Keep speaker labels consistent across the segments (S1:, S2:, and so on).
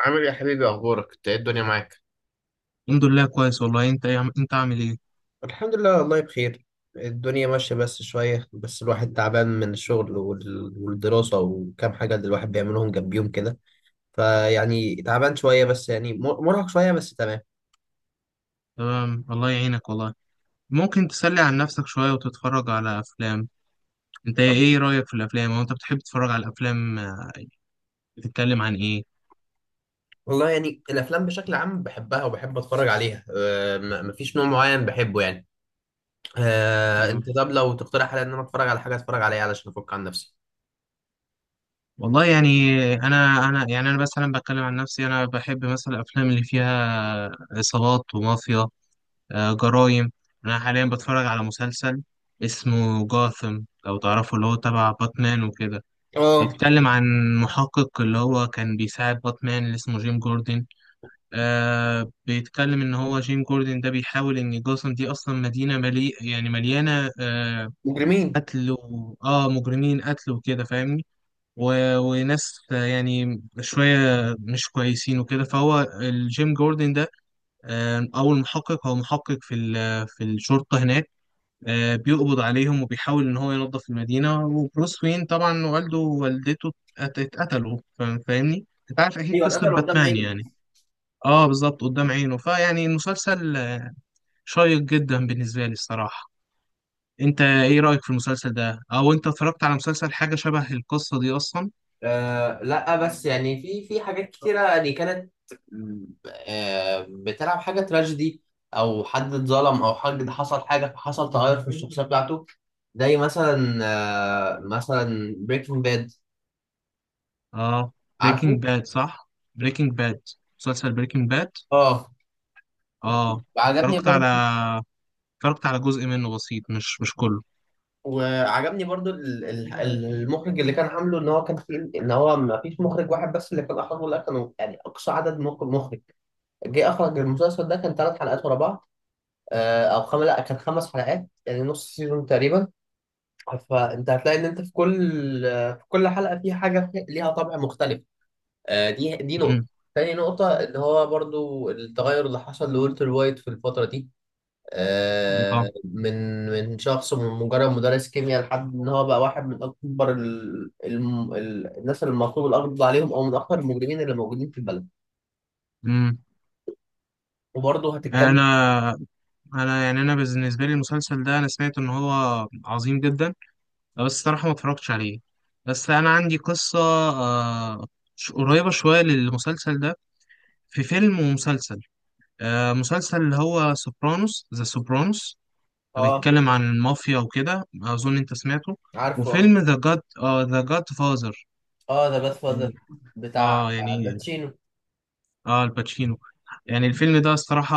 S1: عامل إيه يا حبيبي؟ اخبارك، انت ايه الدنيا معاك؟
S2: الحمد لله كويس والله. انت ايه انت عامل ايه؟
S1: الحمد لله والله بخير. الدنيا ماشية بس شوية، بس الواحد تعبان من الشغل والدراسة وكام حاجة اللي الواحد بيعملهم جنبيهم كده. فيعني تعبان شوية، بس يعني مرهق شوية، بس تمام.
S2: تمام، الله يعينك والله. ممكن تسلي عن نفسك شوية وتتفرج على افلام. انت
S1: طب
S2: ايه رأيك في الافلام، او انت بتحب تتفرج على الافلام؟ آه، بتتكلم عن ايه؟
S1: والله يعني الأفلام بشكل عام بحبها وبحب أتفرج عليها. مفيش نوع معين بحبه يعني. أه
S2: تمام.
S1: أنت طب لو تقترح عليا إن أنا أتفرج على حاجة، أتفرج عليها علشان أفك عن نفسي.
S2: والله يعني انا يعني انا مثلا بتكلم عن نفسي، انا بحب مثلا الافلام اللي فيها عصابات ومافيا. آه، جرايم. انا حاليا بتفرج على مسلسل اسمه جاثم، لو تعرفه، اللي هو تبع باتمان وكده.
S1: اه،
S2: بيتكلم عن محقق اللي هو كان بيساعد باتمان، اللي اسمه جيم جوردن. آه، بيتكلم ان هو جيم جوردن ده بيحاول ان جاثام دي اصلا مدينه ملي يعني مليانه آه
S1: مجرمين.
S2: قتل و... اه مجرمين، قتل وكده، فاهمني؟ و... وناس آه، يعني شويه مش كويسين وكده. فهو الجيم جوردن ده آه، او المحقق، هو محقق في في الشرطه هناك، آه، بيقبض عليهم وبيحاول ان هو ينظف المدينه. وبروس وين طبعا والده ووالدته اتقتلوا، فاهمني؟ انت عارف اكيد
S1: ايوه،
S2: قصه
S1: اتقتل قدام
S2: باتمان
S1: عيني.
S2: يعني. اه بالظبط، قدام عينه. فيعني المسلسل آه، شيق جدا بالنسبة لي الصراحة. انت ايه رأيك في المسلسل ده، او انت اتفرجت على مسلسل حاجة شبه القصة دي اصلا؟
S1: آه لا، بس يعني في حاجات كتيرة يعني كانت آه بتلعب حاجة تراجيدي، أو حد اتظلم أو حد حصل حاجة فحصل تغير في الشخصية بتاعته. زي مثلا آه مثلا بريكنج باد،
S2: اه،
S1: عارفه؟
S2: بريكنج باد، صح. بريكنج باد، مسلسل بريكنج باد.
S1: اه،
S2: اه،
S1: عجبني برضو.
S2: اتفرجت على جزء منه بسيط، مش كله.
S1: وعجبني برضو المخرج اللي كان عامله، ان هو كان في، ان هو ما فيش مخرج واحد بس اللي كان اخرجه، لا كانوا يعني اقصى عدد مخرج جه اخرج المسلسل ده كان ثلاث حلقات ورا بعض، او خمس، لا كان خمس حلقات يعني نص سيزون تقريبا. فانت هتلاقي ان انت في كل في كل حلقه في حاجه ليها طابع مختلف. آه، دي نقطه.
S2: مم.
S1: تاني نقطه اللي هو برضو التغير اللي حصل لولتر وايت في الفتره دي،
S2: اه.
S1: آه، من شخص، من مجرد مدرس كيمياء لحد ان هو بقى واحد من اكبر الناس اللي المطلوب القبض عليهم، او من اكبر المجرمين اللي موجودين في البلد.
S2: مم.
S1: وبرضه هتتكلم.
S2: انا انا يعني انا بالنسبة لي المسلسل ده، انا سمعت ان هو عظيم جدا، لا، بس الصراحة ما اتفرجتش عليه. بس أنا عندي قصة آه، قريبة شوية للمسلسل ده. في فيلم ومسلسل آه، مسلسل اللي هو سوبرانوس، ذا سوبرانوس،
S1: اه،
S2: بيتكلم عن المافيا وكده، أظن أنت سمعته.
S1: عارفه اه.
S2: وفيلم ذا جاد، ذا جاد فازر،
S1: اه، ذا جاد فاذر،
S2: يعني
S1: بتاع
S2: اه، يعني
S1: الباتشينو.
S2: اه، الباتشينو. يعني الفيلم ده الصراحة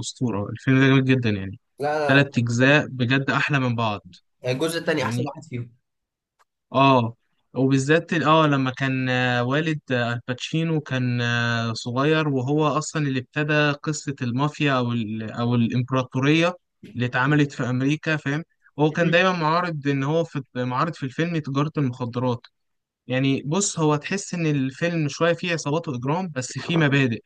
S2: أسطورة، الفيلم ده جميل جدا يعني.
S1: لا،
S2: تلات
S1: تحفة بجد.
S2: أجزاء بجد أحلى من بعض،
S1: الجزء الثاني احسن
S2: فاهمني؟
S1: واحد فيهم.
S2: اه. وبالذات اه لما كان آه، والد آه، الباتشينو كان آه، صغير، وهو اصلا اللي ابتدى قصة المافيا او ال او الامبراطورية اللي اتعملت في امريكا، فاهم؟ هو كان
S1: مم.
S2: دايما معارض، ان هو في معارض في الفيلم تجارة المخدرات. يعني بص، هو تحس ان الفيلم شوية فيه عصابات واجرام، بس فيه مبادئ.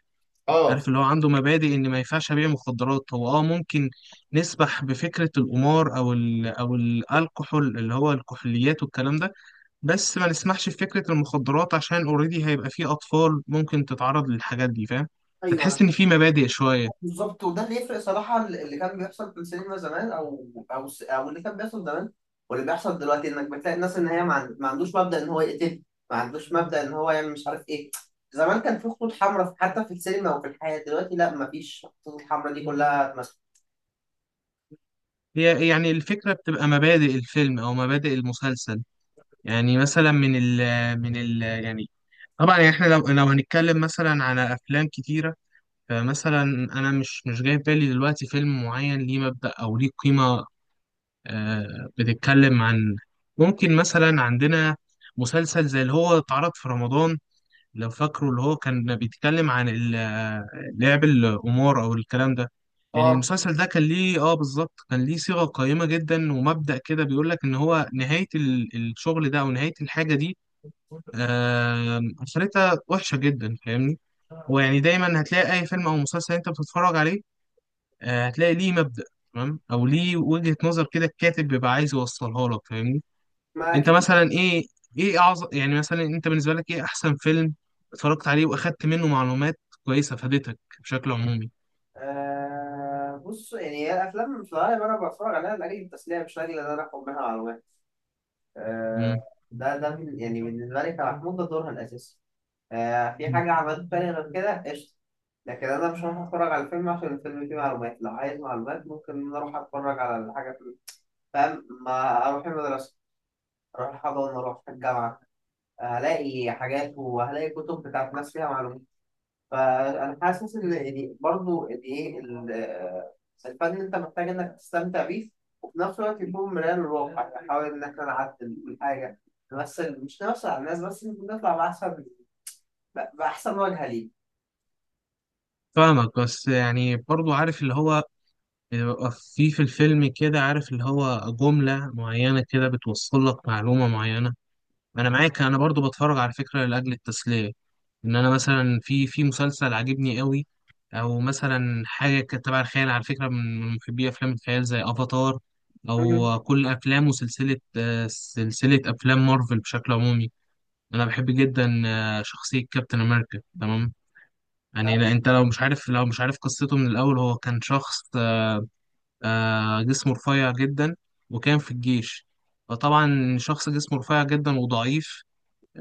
S1: اه.
S2: عارف اللي هو عنده مبادئ، ان ما ينفعش ابيع مخدرات. هو اه ممكن نسبح بفكرة القمار او ال او الالكحول اللي هو الكحوليات والكلام ده، بس ما نسمحش بفكرة المخدرات، عشان اوريدي هيبقى فيه أطفال ممكن تتعرض للحاجات دي، فاهم؟ فتحس
S1: ايوه
S2: إن في مبادئ شوية.
S1: بالظبط، وده اللي يفرق صراحه. اللي كان بيحصل في السينما زمان او اللي كان بيحصل زمان واللي بيحصل دلوقتي، انك بتلاقي الناس ان هي ما عندوش مبدا ان هو يقتل، ما عندوش مبدا ان هو يعمل مش عارف ايه. زمان كان في خطوط حمراء حتى في السينما وفي الحياه، دلوقتي لا، ما فيش، الخطوط الحمراء دي كلها اتمسكت.
S2: هي يعني الفكرة بتبقى مبادئ الفيلم أو مبادئ المسلسل. يعني مثلا من ال يعني طبعا يعني احنا لو هنتكلم مثلا على أفلام كتيرة، فمثلا أنا مش جاي في بالي دلوقتي فيلم معين ليه مبدأ أو ليه قيمة. آه، بتتكلم عن ممكن مثلا عندنا مسلسل زي اللي هو اتعرض في رمضان، لو فاكره، اللي هو كان بيتكلم عن لعب الأمور أو الكلام ده. يعني
S1: اه،
S2: المسلسل ده كان ليه اه بالظبط، كان ليه صيغة قيمة جدا ومبدأ كده، بيقول لك إن هو نهاية الشغل ده أو نهاية الحاجة دي آه، آخرتها وحشة جدا، فاهمني؟ هو يعني دايما هتلاقي أي فيلم أو مسلسل أنت بتتفرج عليه آه، هتلاقي ليه مبدأ، تمام، أو ليه وجهة نظر كده الكاتب بيبقى عايز يوصلها لك، فاهمني؟
S1: ما
S2: انت
S1: اكيد.
S2: مثلا ايه، ايه اعظم، يعني مثلا انت بالنسبه لك ايه احسن فيلم اتفرجت عليه واخدت منه معلومات كويسه فادتك بشكل عمومي؟
S1: آه بص، يعني هي الافلام في الغالب انا بتفرج عليها لاجل التسليه، مش لاجل ان انا اخد منها معلومات. آه،
S2: امم.
S1: يعني بالنسبة لي كمحمود ده دورها الأساسي. آه، في حاجة عملت تاني غير كده قشطة، لكن أنا مش هروح أتفرج على الفيلم عشان الفيلم فيه معلومات. لو عايز معلومات ممكن إن أنا أروح أتفرج على الحاجة في، فاهم؟ ما أروح المدرسة، أروح الحضانة، أروح الجامعة، هلاقي حاجات وهلاقي كتب بتاعت ناس فيها معلومات. فانا حاسس ان يعني برضه يعني ايه الفن، انت محتاج انك تستمتع بيه وفي نفس الوقت يكون مرآة للواقع، يعني حاول ان احنا نعدل من حاجه، نمثل، مش نمثل على الناس بس، نطلع باحسن، باحسن وجهه ليه.
S2: فاهمك، بس يعني برضو عارف اللي هو بيبقى في في الفيلم كده، عارف اللي هو جمله معينه كده بتوصل لك معلومه معينه. انا معاك، انا برضو بتفرج على فكره لاجل التسليه. ان انا مثلا في في مسلسل عاجبني قوي، او مثلا حاجه كانت تبع الخيال، على فكره من من محبي افلام الخيال زي افاتار،
S1: مم.
S2: او كل افلام وسلسله آه، سلسله افلام مارفل بشكل عمومي. انا بحب جدا آه، شخصيه كابتن امريكا، تمام؟ يعني لا، انت لو مش عارف، لو مش عارف قصته من الاول، هو كان شخص آه، جسمه رفيع جدا، وكان في الجيش. فطبعا شخص جسمه رفيع جدا وضعيف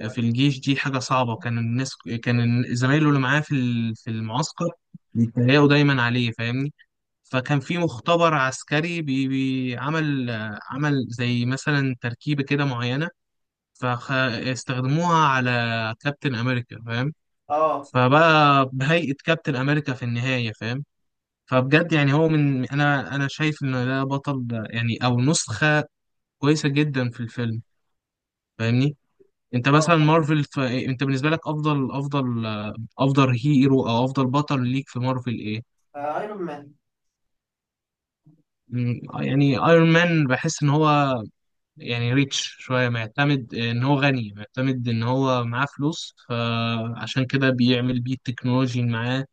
S2: في الجيش دي حاجة صعبة. كان الناس، كان زمايله اللي معاه في في المعسكر بيتريقوا دايما عليه، فاهمني؟ فكان في مختبر عسكري بي عمل، عمل زي مثلا تركيبة كده معينة، فاستخدموها على كابتن أمريكا، فاهم؟
S1: اه.
S2: فبقى بهيئة كابتن أمريكا في النهاية، فاهم؟ فبجد يعني هو من، أنا شايف إن ده بطل، ده يعني أو نسخة كويسة جدا في الفيلم، فاهمني؟ انت
S1: اه.
S2: مثلا مارفل إيه، انت بالنسبه لك افضل افضل هيرو او افضل بطل ليك في مارفل ايه؟
S1: آه، ايرون مان.
S2: مم، يعني ايرون مان بحس ان هو يعني ريتش شويه، معتمد ان هو غني، معتمد ان هو معاه فلوس، فعشان كده بيعمل بيه التكنولوجي اللي معاه.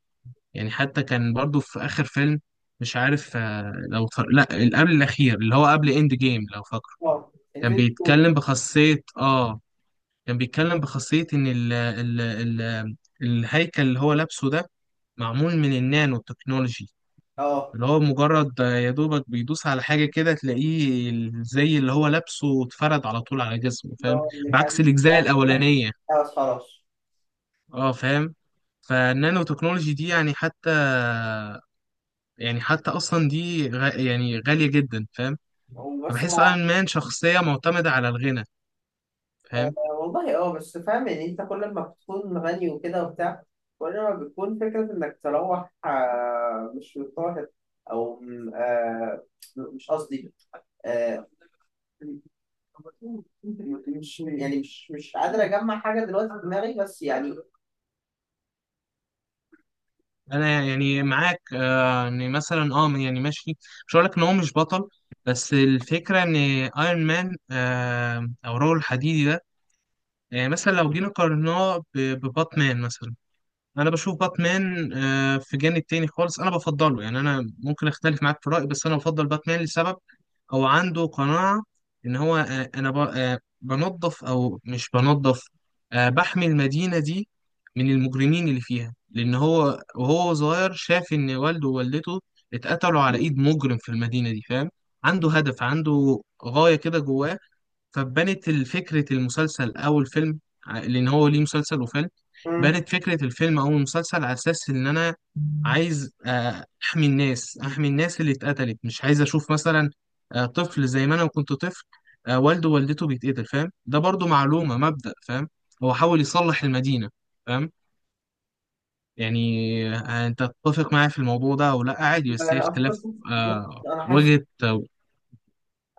S2: يعني حتى كان برضو في اخر فيلم، مش عارف آه، لا اللي قبل الاخير اللي هو قبل اند جيم، لو فاكره،
S1: اه
S2: كان
S1: الفيلم.
S2: بيتكلم بخاصيه اه، كان بيتكلم بخاصية إن ال الهيكل اللي هو لابسه ده معمول من النانو تكنولوجي،
S1: اه
S2: اللي هو مجرد يا دوبك بيدوس على حاجة كده تلاقيه زي اللي هو لابسه اتفرد على طول على جسمه،
S1: اللي
S2: فاهم؟
S1: هو اللي
S2: بعكس
S1: كان،
S2: الأجزاء
S1: لا،
S2: الأولانية.
S1: خلاص.
S2: اه فاهم. فالنانو تكنولوجي دي يعني حتى، يعني حتى أصلا دي يعني غالية جدا، فاهم؟
S1: وبس
S2: فبحس أيرون مان شخصية معتمدة على الغنى،
S1: آه،
S2: فاهم؟
S1: والله اه، بس فاهم يعني، انت كل ما بتكون غني وكده وبتاع، كل ما بتكون فكرة انك تروح آه، مش مضطهد، آه، مش قصدي، آه، مش يعني مش قادر اجمع حاجة دلوقتي في دماغي، بس يعني.
S2: انا يعني معاك آه، ان مثلا اه يعني ماشي، مش هقول لك ان هو مش بطل، بس الفكره ان ايرون مان آه، او رجل الحديدي ده، يعني مثلا لو جينا قارناه بباتمان مثلا، انا بشوف باتمان آه، في جانب تاني خالص، انا بفضله، يعني انا ممكن اختلف معاك في الرأي، بس انا بفضل باتمان لسبب. هو عنده قناعة ان هو آه، آه، بنظف او مش بنظف آه، بحمي المدينة دي من المجرمين اللي فيها، لان هو وهو صغير شاف ان والده ووالدته اتقتلوا على ايد مجرم في المدينة دي، فاهم؟ عنده هدف، عنده غاية كده جواه. فبنت فكرة المسلسل أو الفيلم، لأن هو ليه مسلسل وفيلم،
S1: مم.
S2: بنت فكرة الفيلم أو المسلسل على أساس إن أنا عايز آه، أحمي الناس، أحمي الناس اللي اتقتلت، مش عايز أشوف مثلا آه، طفل زي ما أنا كنت طفل آه، والده ووالدته بيتقتل، فاهم؟ ده برضو معلومة، مبدأ، فاهم؟ هو حاول يصلح المدينة، فاهم؟ يعني آه، أنت تتفق معايا في الموضوع ده أو لأ، عادي، بس هي
S1: آه،
S2: اختلاف آه،
S1: انا حاسس،
S2: وجهة آه،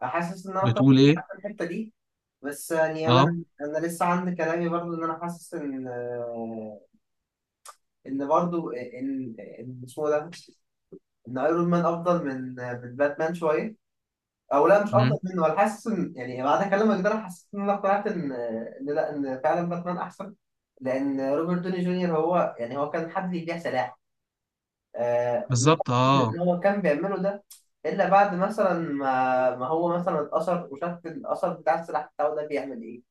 S1: حاسس ان انا
S2: بتقول
S1: طبعا
S2: إيه؟
S1: في الحتة دي، بس يعني
S2: أه.
S1: انا لسه عندي كلامي برضو، ان انا حاسس ان آه، ان برضو ان اسمه ده، ان ايرون مان افضل من باتمان شويه، او لا مش
S2: مم،
S1: افضل منه. انا حاسس ان يعني بعد كلامك ده انا حسيت ان انا اقتنعت ان لا، ان فعلا باتمان احسن. لان روبرت دوني جونيور، هو يعني هو كان حد بيبيع سلاح. آه ما
S2: بالظبط
S1: أعتقدش
S2: أه.
S1: إن هو كان بيعمله ده الا بعد مثلا ما هو مثلا اتأثر وشاف الاثر بتاع السلاح بتاعه ده بيعمل ايه.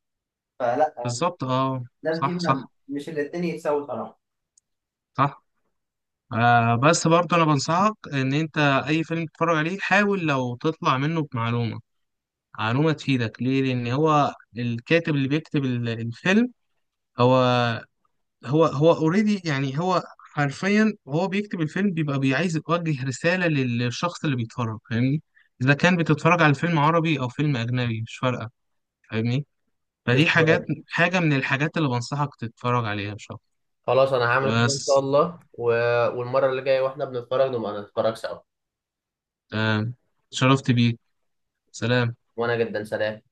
S1: فلا،
S2: بالظبط اه.
S1: الناس دي
S2: صح، صح.
S1: مش الاتنين يتساووا صراحه.
S2: صح. آه بس برضه انا بنصحك، ان انت اي فيلم تتفرج عليه حاول لو تطلع منه بمعلومه، معلومه تفيدك، ليه؟ لان هو الكاتب اللي بيكتب الفيلم، هو هو اوريدي يعني، هو حرفيا وهو بيكتب الفيلم بيبقى بيعايز يوجه رساله للشخص اللي بيتفرج، فاهمني؟ اذا كان بتتفرج على فيلم عربي او فيلم اجنبي مش فارقه، فاهمني؟
S1: بس
S2: فدي حاجات، حاجه من الحاجات اللي بنصحك تتفرج عليها ان شاء
S1: خلاص انا
S2: الله.
S1: هعمل
S2: بس
S1: الله و... والمية، واحنا بنسأل.
S2: تمام، شرفت بيك، سلام.
S1: وانا جدا، سلام.